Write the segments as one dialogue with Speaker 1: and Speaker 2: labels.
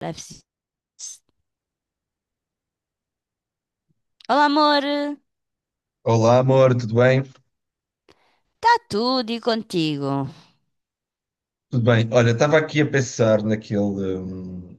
Speaker 1: Deve ser. Olá, amor. Está
Speaker 2: Olá, amor, tudo bem?
Speaker 1: tudo e contigo?
Speaker 2: Tudo bem. Olha, estava aqui a pensar hum,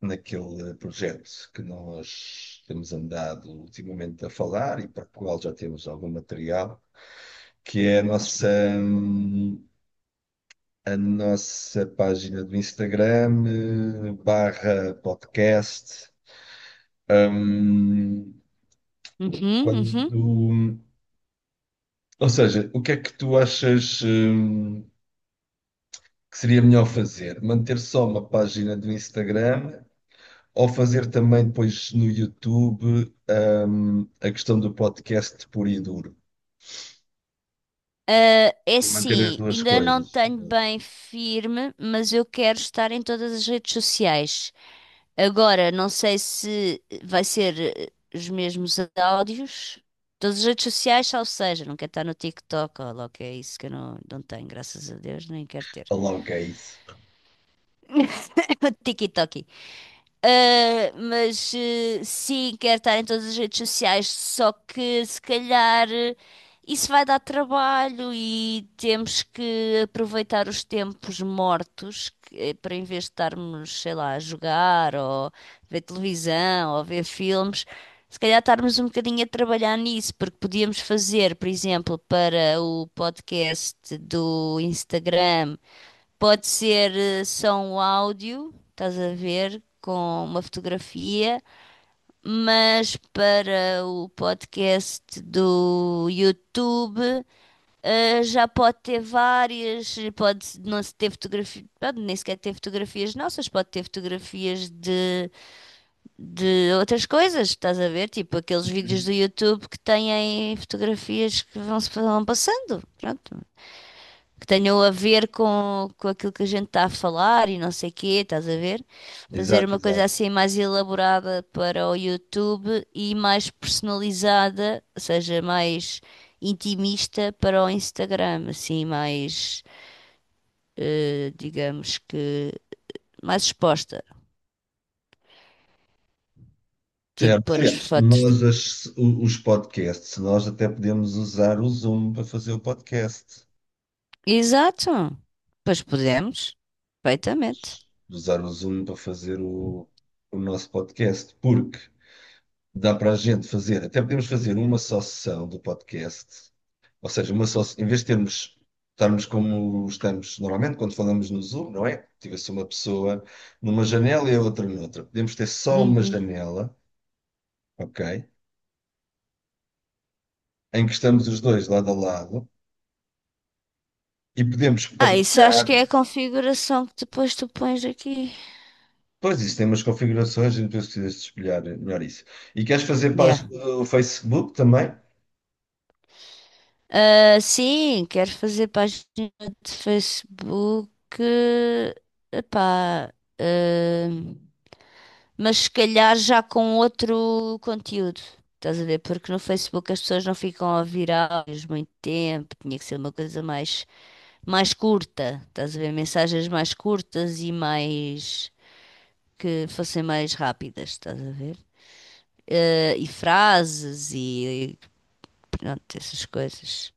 Speaker 2: naquele projeto que nós temos andado ultimamente a falar e para o qual já temos algum material, que é a nossa, a nossa página do Instagram, barra podcast. Hum,
Speaker 1: Uhum, uhum.
Speaker 2: quando, ou seja, o que é que tu achas, que seria melhor fazer? Manter só uma página do Instagram? Ou fazer também depois no YouTube, a questão do podcast puro e duro.
Speaker 1: Ah, é
Speaker 2: E manter as
Speaker 1: assim,
Speaker 2: duas
Speaker 1: ainda não
Speaker 2: coisas.
Speaker 1: tenho bem firme, mas eu quero estar em todas as redes sociais. Agora, não sei se vai ser os mesmos áudios. Todas as redes sociais, ou seja, não quero estar no TikTok, ó, logo que é isso que eu não tenho, graças a Deus, nem quero ter.
Speaker 2: Aloca isso.
Speaker 1: TikTok. Mas sim, quero estar em todas as redes sociais, só que se calhar isso vai dar trabalho e temos que aproveitar os tempos mortos para em vez de estarmos, sei lá, a jogar ou ver televisão ou ver filmes, se calhar estarmos um bocadinho a trabalhar nisso, porque podíamos fazer, por exemplo, para o podcast do Instagram. Pode ser só um áudio, estás a ver, com uma fotografia, mas para o podcast do YouTube, já pode ter várias, pode não se ter fotografias, pode nem sequer ter fotografias nossas, pode ter fotografias de outras coisas, estás a ver, tipo aqueles vídeos
Speaker 2: Uhum.
Speaker 1: do YouTube que têm fotografias que vão, vão passando, pronto, que tenham a ver com aquilo que a gente está a falar e não sei quê, estás a ver? Fazer
Speaker 2: Exato,
Speaker 1: uma coisa
Speaker 2: exato.
Speaker 1: assim mais elaborada para o YouTube e mais personalizada, ou seja, mais intimista para o Instagram, assim, mais, digamos que, mais exposta. Tipo,
Speaker 2: Certo.
Speaker 1: pôr as
Speaker 2: Aliás,
Speaker 1: fotos de...
Speaker 2: os podcasts, nós até podemos usar o Zoom para fazer o podcast.
Speaker 1: Exato! Pois podemos, perfeitamente.
Speaker 2: Usar o Zoom para fazer o nosso podcast, porque dá para a gente fazer, até podemos fazer uma só sessão do podcast. Ou seja, uma só, em vez de termos, estarmos como estamos normalmente quando falamos no Zoom, não é? Tivesse uma pessoa numa janela e a outra noutra. Podemos ter só uma
Speaker 1: Uhum.
Speaker 2: janela, ok? Em que estamos os dois lado a lado e podemos
Speaker 1: Ah, isso acho que
Speaker 2: partilhar.
Speaker 1: é a configuração que depois tu pões aqui.
Speaker 2: Pois isso tem umas configurações, e depois precisas de espelhar melhor isso. E queres fazer
Speaker 1: Yeah.
Speaker 2: página no Facebook também?
Speaker 1: Ah, sim, quero fazer página de Facebook. Epá, ah, mas se calhar já com outro conteúdo. Estás a ver? Porque no Facebook as pessoas não ficam a ouvir muito tempo. Tinha que ser uma coisa mais, mais curta. Estás a ver? Mensagens mais curtas e mais que fossem mais rápidas. Estás a ver? Ah, e e pronto, essas coisas.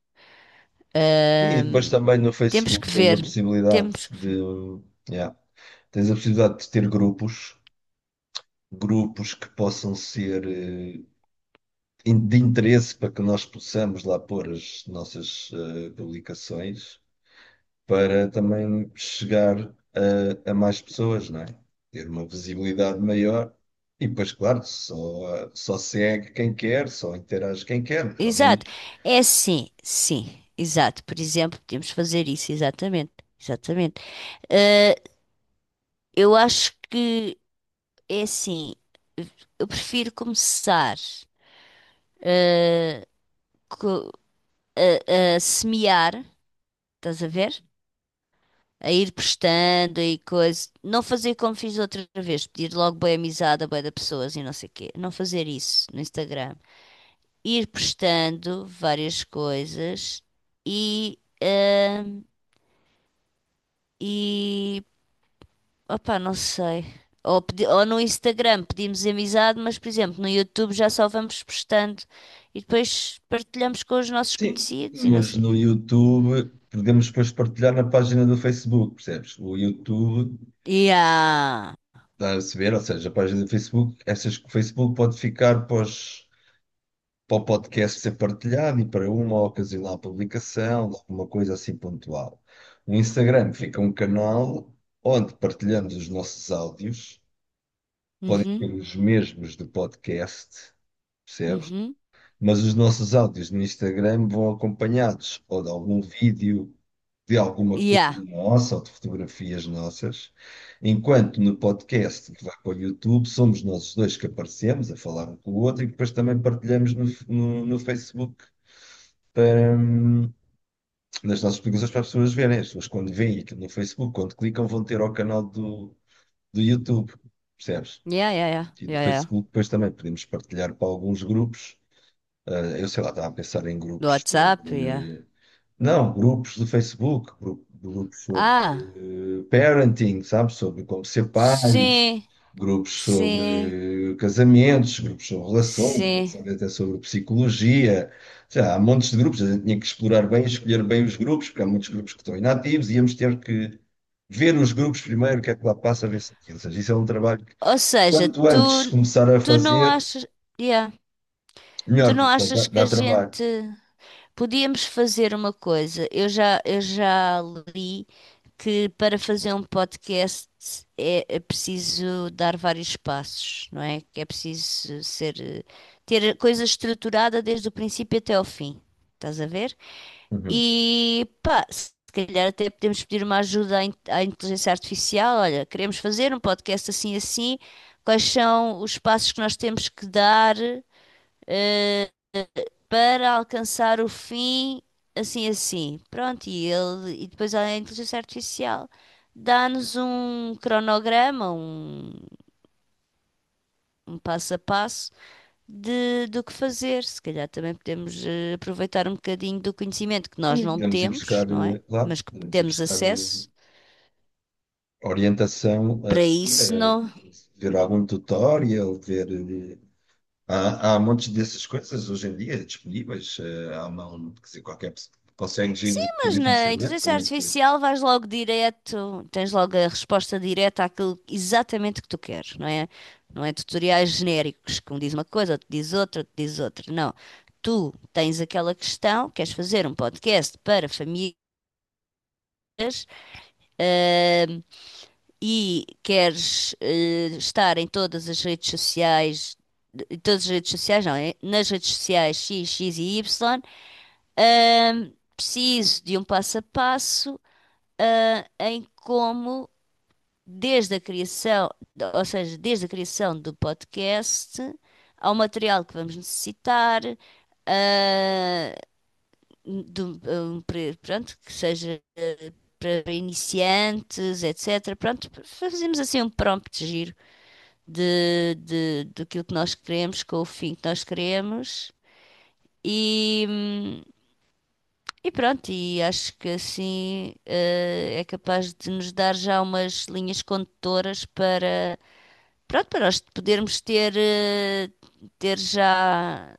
Speaker 2: Sim, e
Speaker 1: Ah,
Speaker 2: depois também no
Speaker 1: temos
Speaker 2: Facebook
Speaker 1: que
Speaker 2: tens a
Speaker 1: ver.
Speaker 2: possibilidade
Speaker 1: Temos
Speaker 2: de,
Speaker 1: que ver.
Speaker 2: yeah, tens a possibilidade de ter grupos, grupos que possam ser de interesse para que nós possamos lá pôr as nossas publicações, para também chegar a mais pessoas, não é? Ter uma visibilidade maior. E depois, claro, só, só segue quem quer, só interage quem quer, mas ao
Speaker 1: Exato.
Speaker 2: menos.
Speaker 1: É sim, sim. Exato. Por exemplo, podemos fazer isso, exatamente. Exatamente. Ah, eu acho que é assim. Eu prefiro começar co- a semear, estás a ver? A ir prestando e coisa. Não fazer como fiz outra vez, pedir logo boa amizade a bué de pessoas e não sei o quê. Não fazer isso no Instagram. Ir prestando várias coisas e. ah, e opá, não sei. Ou no Instagram pedimos amizade, mas por exemplo, no YouTube já só vamos postando e depois partilhamos com os nossos
Speaker 2: Sim,
Speaker 1: conhecidos e não
Speaker 2: mas
Speaker 1: sei o
Speaker 2: no
Speaker 1: quê.
Speaker 2: YouTube podemos depois partilhar na página do Facebook, percebes? O YouTube
Speaker 1: Yeah.
Speaker 2: dá a saber, ou seja, a página do Facebook, essas que o Facebook pode ficar pós para o podcast ser partilhado e para uma ocasional publicação, de alguma coisa assim pontual. No Instagram fica um canal onde partilhamos os nossos áudios, podem
Speaker 1: Uhum,
Speaker 2: ser os mesmos do podcast, percebes?
Speaker 1: uhum.
Speaker 2: Mas os nossos áudios no Instagram vão acompanhados ou de algum vídeo, de alguma
Speaker 1: Yeah.
Speaker 2: coisa nossa ou de fotografias nossas, enquanto no podcast que vai para o YouTube somos nós os dois que aparecemos a falar um com o outro e que depois também partilhamos no Facebook para, nas nossas publicações para as pessoas verem. As pessoas, quando veem aquilo no Facebook, quando clicam, vão ter ao canal do YouTube, percebes?
Speaker 1: Yeah, yeah, yeah,
Speaker 2: E do
Speaker 1: yeah, yeah.
Speaker 2: Facebook, depois também podemos partilhar para alguns grupos. Ah, eu sei lá, estava a pensar em
Speaker 1: Do
Speaker 2: grupos
Speaker 1: WhatsApp, yeah.
Speaker 2: de, não, grupos do Facebook, grupos sobre
Speaker 1: Ah,
Speaker 2: parenting, sabe? Sobre como ser pais,
Speaker 1: sim,
Speaker 2: grupos
Speaker 1: sim,
Speaker 2: sobre casamentos, grupos sobre relações, grupos
Speaker 1: sim.
Speaker 2: talvez até sobre psicologia. Já, há montes de grupos, a gente tinha que explorar bem, escolher bem os grupos, porque há muitos grupos que estão inativos, e íamos ter que ver os grupos primeiro, o que é que lá passa, ver se aquilo. Ou seja, isso é um trabalho que
Speaker 1: Ou seja,
Speaker 2: quanto
Speaker 1: tu,
Speaker 2: antes começar a
Speaker 1: tu não
Speaker 2: fazer,
Speaker 1: achas, yeah, tu
Speaker 2: melhor,
Speaker 1: não
Speaker 2: porque
Speaker 1: achas que a
Speaker 2: dá trabalho.
Speaker 1: gente podíamos fazer uma coisa. Eu já li que para fazer um podcast é preciso dar vários passos, não é? Que é preciso ser, ter a coisa estruturada desde o princípio até ao fim. Estás a ver?
Speaker 2: Uhum.
Speaker 1: E pá, se calhar até podemos pedir uma ajuda à inteligência artificial. Olha, queremos fazer um podcast assim assim. Quais são os passos que nós temos que dar? Para alcançar o fim assim assim. Pronto, e ele e depois a inteligência artificial dá-nos um cronograma, um passo a passo de, do que fazer. Se calhar também podemos aproveitar um bocadinho do conhecimento que nós não
Speaker 2: Vamos ir
Speaker 1: temos, não é? Mas que
Speaker 2: vamos ir
Speaker 1: temos
Speaker 2: buscar,
Speaker 1: acesso.
Speaker 2: orientação,
Speaker 1: Para isso
Speaker 2: eh,
Speaker 1: não,
Speaker 2: ver algum tutorial, eh, Há montes dessas coisas hoje em dia disponíveis. Há quer dizer, qualquer pessoa consegue
Speaker 1: sim, mas
Speaker 2: descobrir
Speaker 1: na
Speaker 2: facilmente
Speaker 1: inteligência
Speaker 2: como é que.
Speaker 1: artificial vais logo direto, tens logo a resposta direta àquilo exatamente que tu queres, não é? Não é tutoriais genéricos que um diz uma coisa, outro diz outra, outro diz outra. Não. Tu tens aquela questão, queres fazer um podcast para famílias, ahm, e queres, estar em todas as redes sociais, em todas as redes sociais, não, é? Nas redes sociais X, X e Y, preciso de um passo a passo em como, desde a criação, ou seja, desde a criação do podcast, ao material que vamos necessitar, ah, pronto, que seja para iniciantes, etc. Pronto, fazemos assim um prompt giro daquilo que nós queremos, com o fim que nós queremos. E, hum, E pronto, e acho que assim é capaz de nos dar já umas linhas condutoras para, pronto, para nós podermos ter, ter já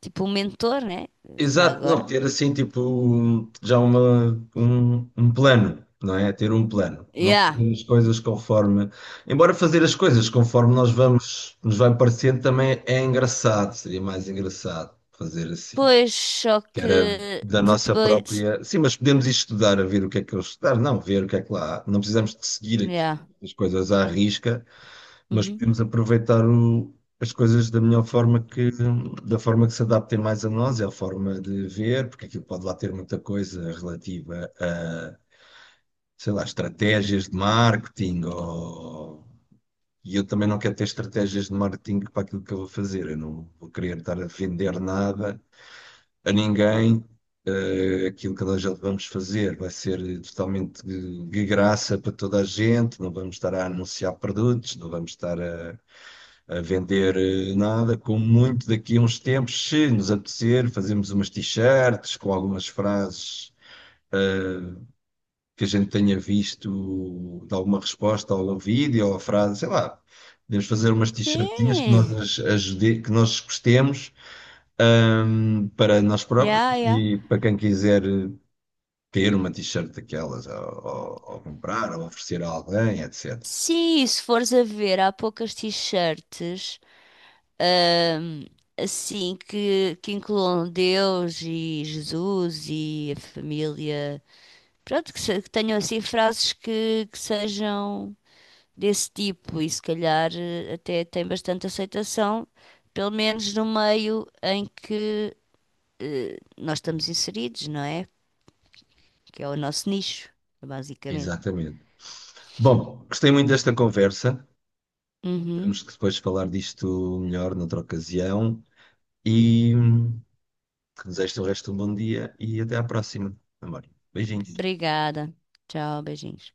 Speaker 1: tipo um mentor, né? Já
Speaker 2: Exato,
Speaker 1: agora.
Speaker 2: não, ter assim, tipo, um plano, não é? Ter um plano. Não
Speaker 1: Yeah.
Speaker 2: fazer as coisas conforme. Embora fazer as coisas conforme nós vamos, nos vai parecendo também é engraçado, seria mais engraçado fazer assim.
Speaker 1: Pois, só
Speaker 2: Que era
Speaker 1: que
Speaker 2: da nossa
Speaker 1: depois.
Speaker 2: própria. Sim, mas podemos ir estudar a ver o que é que eles estudar, não, ver o que é que lá há. Não precisamos de seguir
Speaker 1: Yeah.
Speaker 2: as coisas à risca, mas
Speaker 1: Uhum.
Speaker 2: podemos aproveitar as coisas da melhor forma que, da forma que se adaptem mais a nós, é a forma de ver, porque aquilo pode lá ter muita coisa relativa a, sei lá, estratégias de marketing ou. E eu também não quero ter estratégias de marketing para aquilo que eu vou fazer. Eu não vou querer estar a vender nada a ninguém. Eh, aquilo que nós vamos fazer vai ser totalmente de graça para toda a gente, não vamos estar a anunciar produtos, não vamos estar a vender nada. Como muito daqui a uns tempos, se nos apetecer, fazemos umas t-shirts com algumas frases que a gente tenha visto de alguma resposta ao vídeo ou a frase, sei lá. Podemos fazer umas t-shirtinhas que nós,
Speaker 1: Sim.
Speaker 2: as- ajude, que nós gostemos, para nós próprios
Speaker 1: Yeah, yeah.
Speaker 2: e para quem quiser ter uma t-shirt daquelas, ou comprar, ou oferecer a alguém, etc.
Speaker 1: Sim, se fores a ver, há poucas t-shirts ahm, assim que incluam Deus e Jesus e a família. Pronto, que, se- que tenham assim frases que sejam desse tipo e se calhar até tem bastante aceitação, pelo menos no meio em que nós estamos inseridos, não é? Que é o nosso nicho, basicamente.
Speaker 2: Exatamente. Bom, gostei muito desta conversa.
Speaker 1: Uhum.
Speaker 2: Temos que depois falar disto melhor noutra ocasião. E desejo-te o resto de um bom dia e até à próxima, amor. Beijinhos.
Speaker 1: Obrigada. Tchau, beijinhos.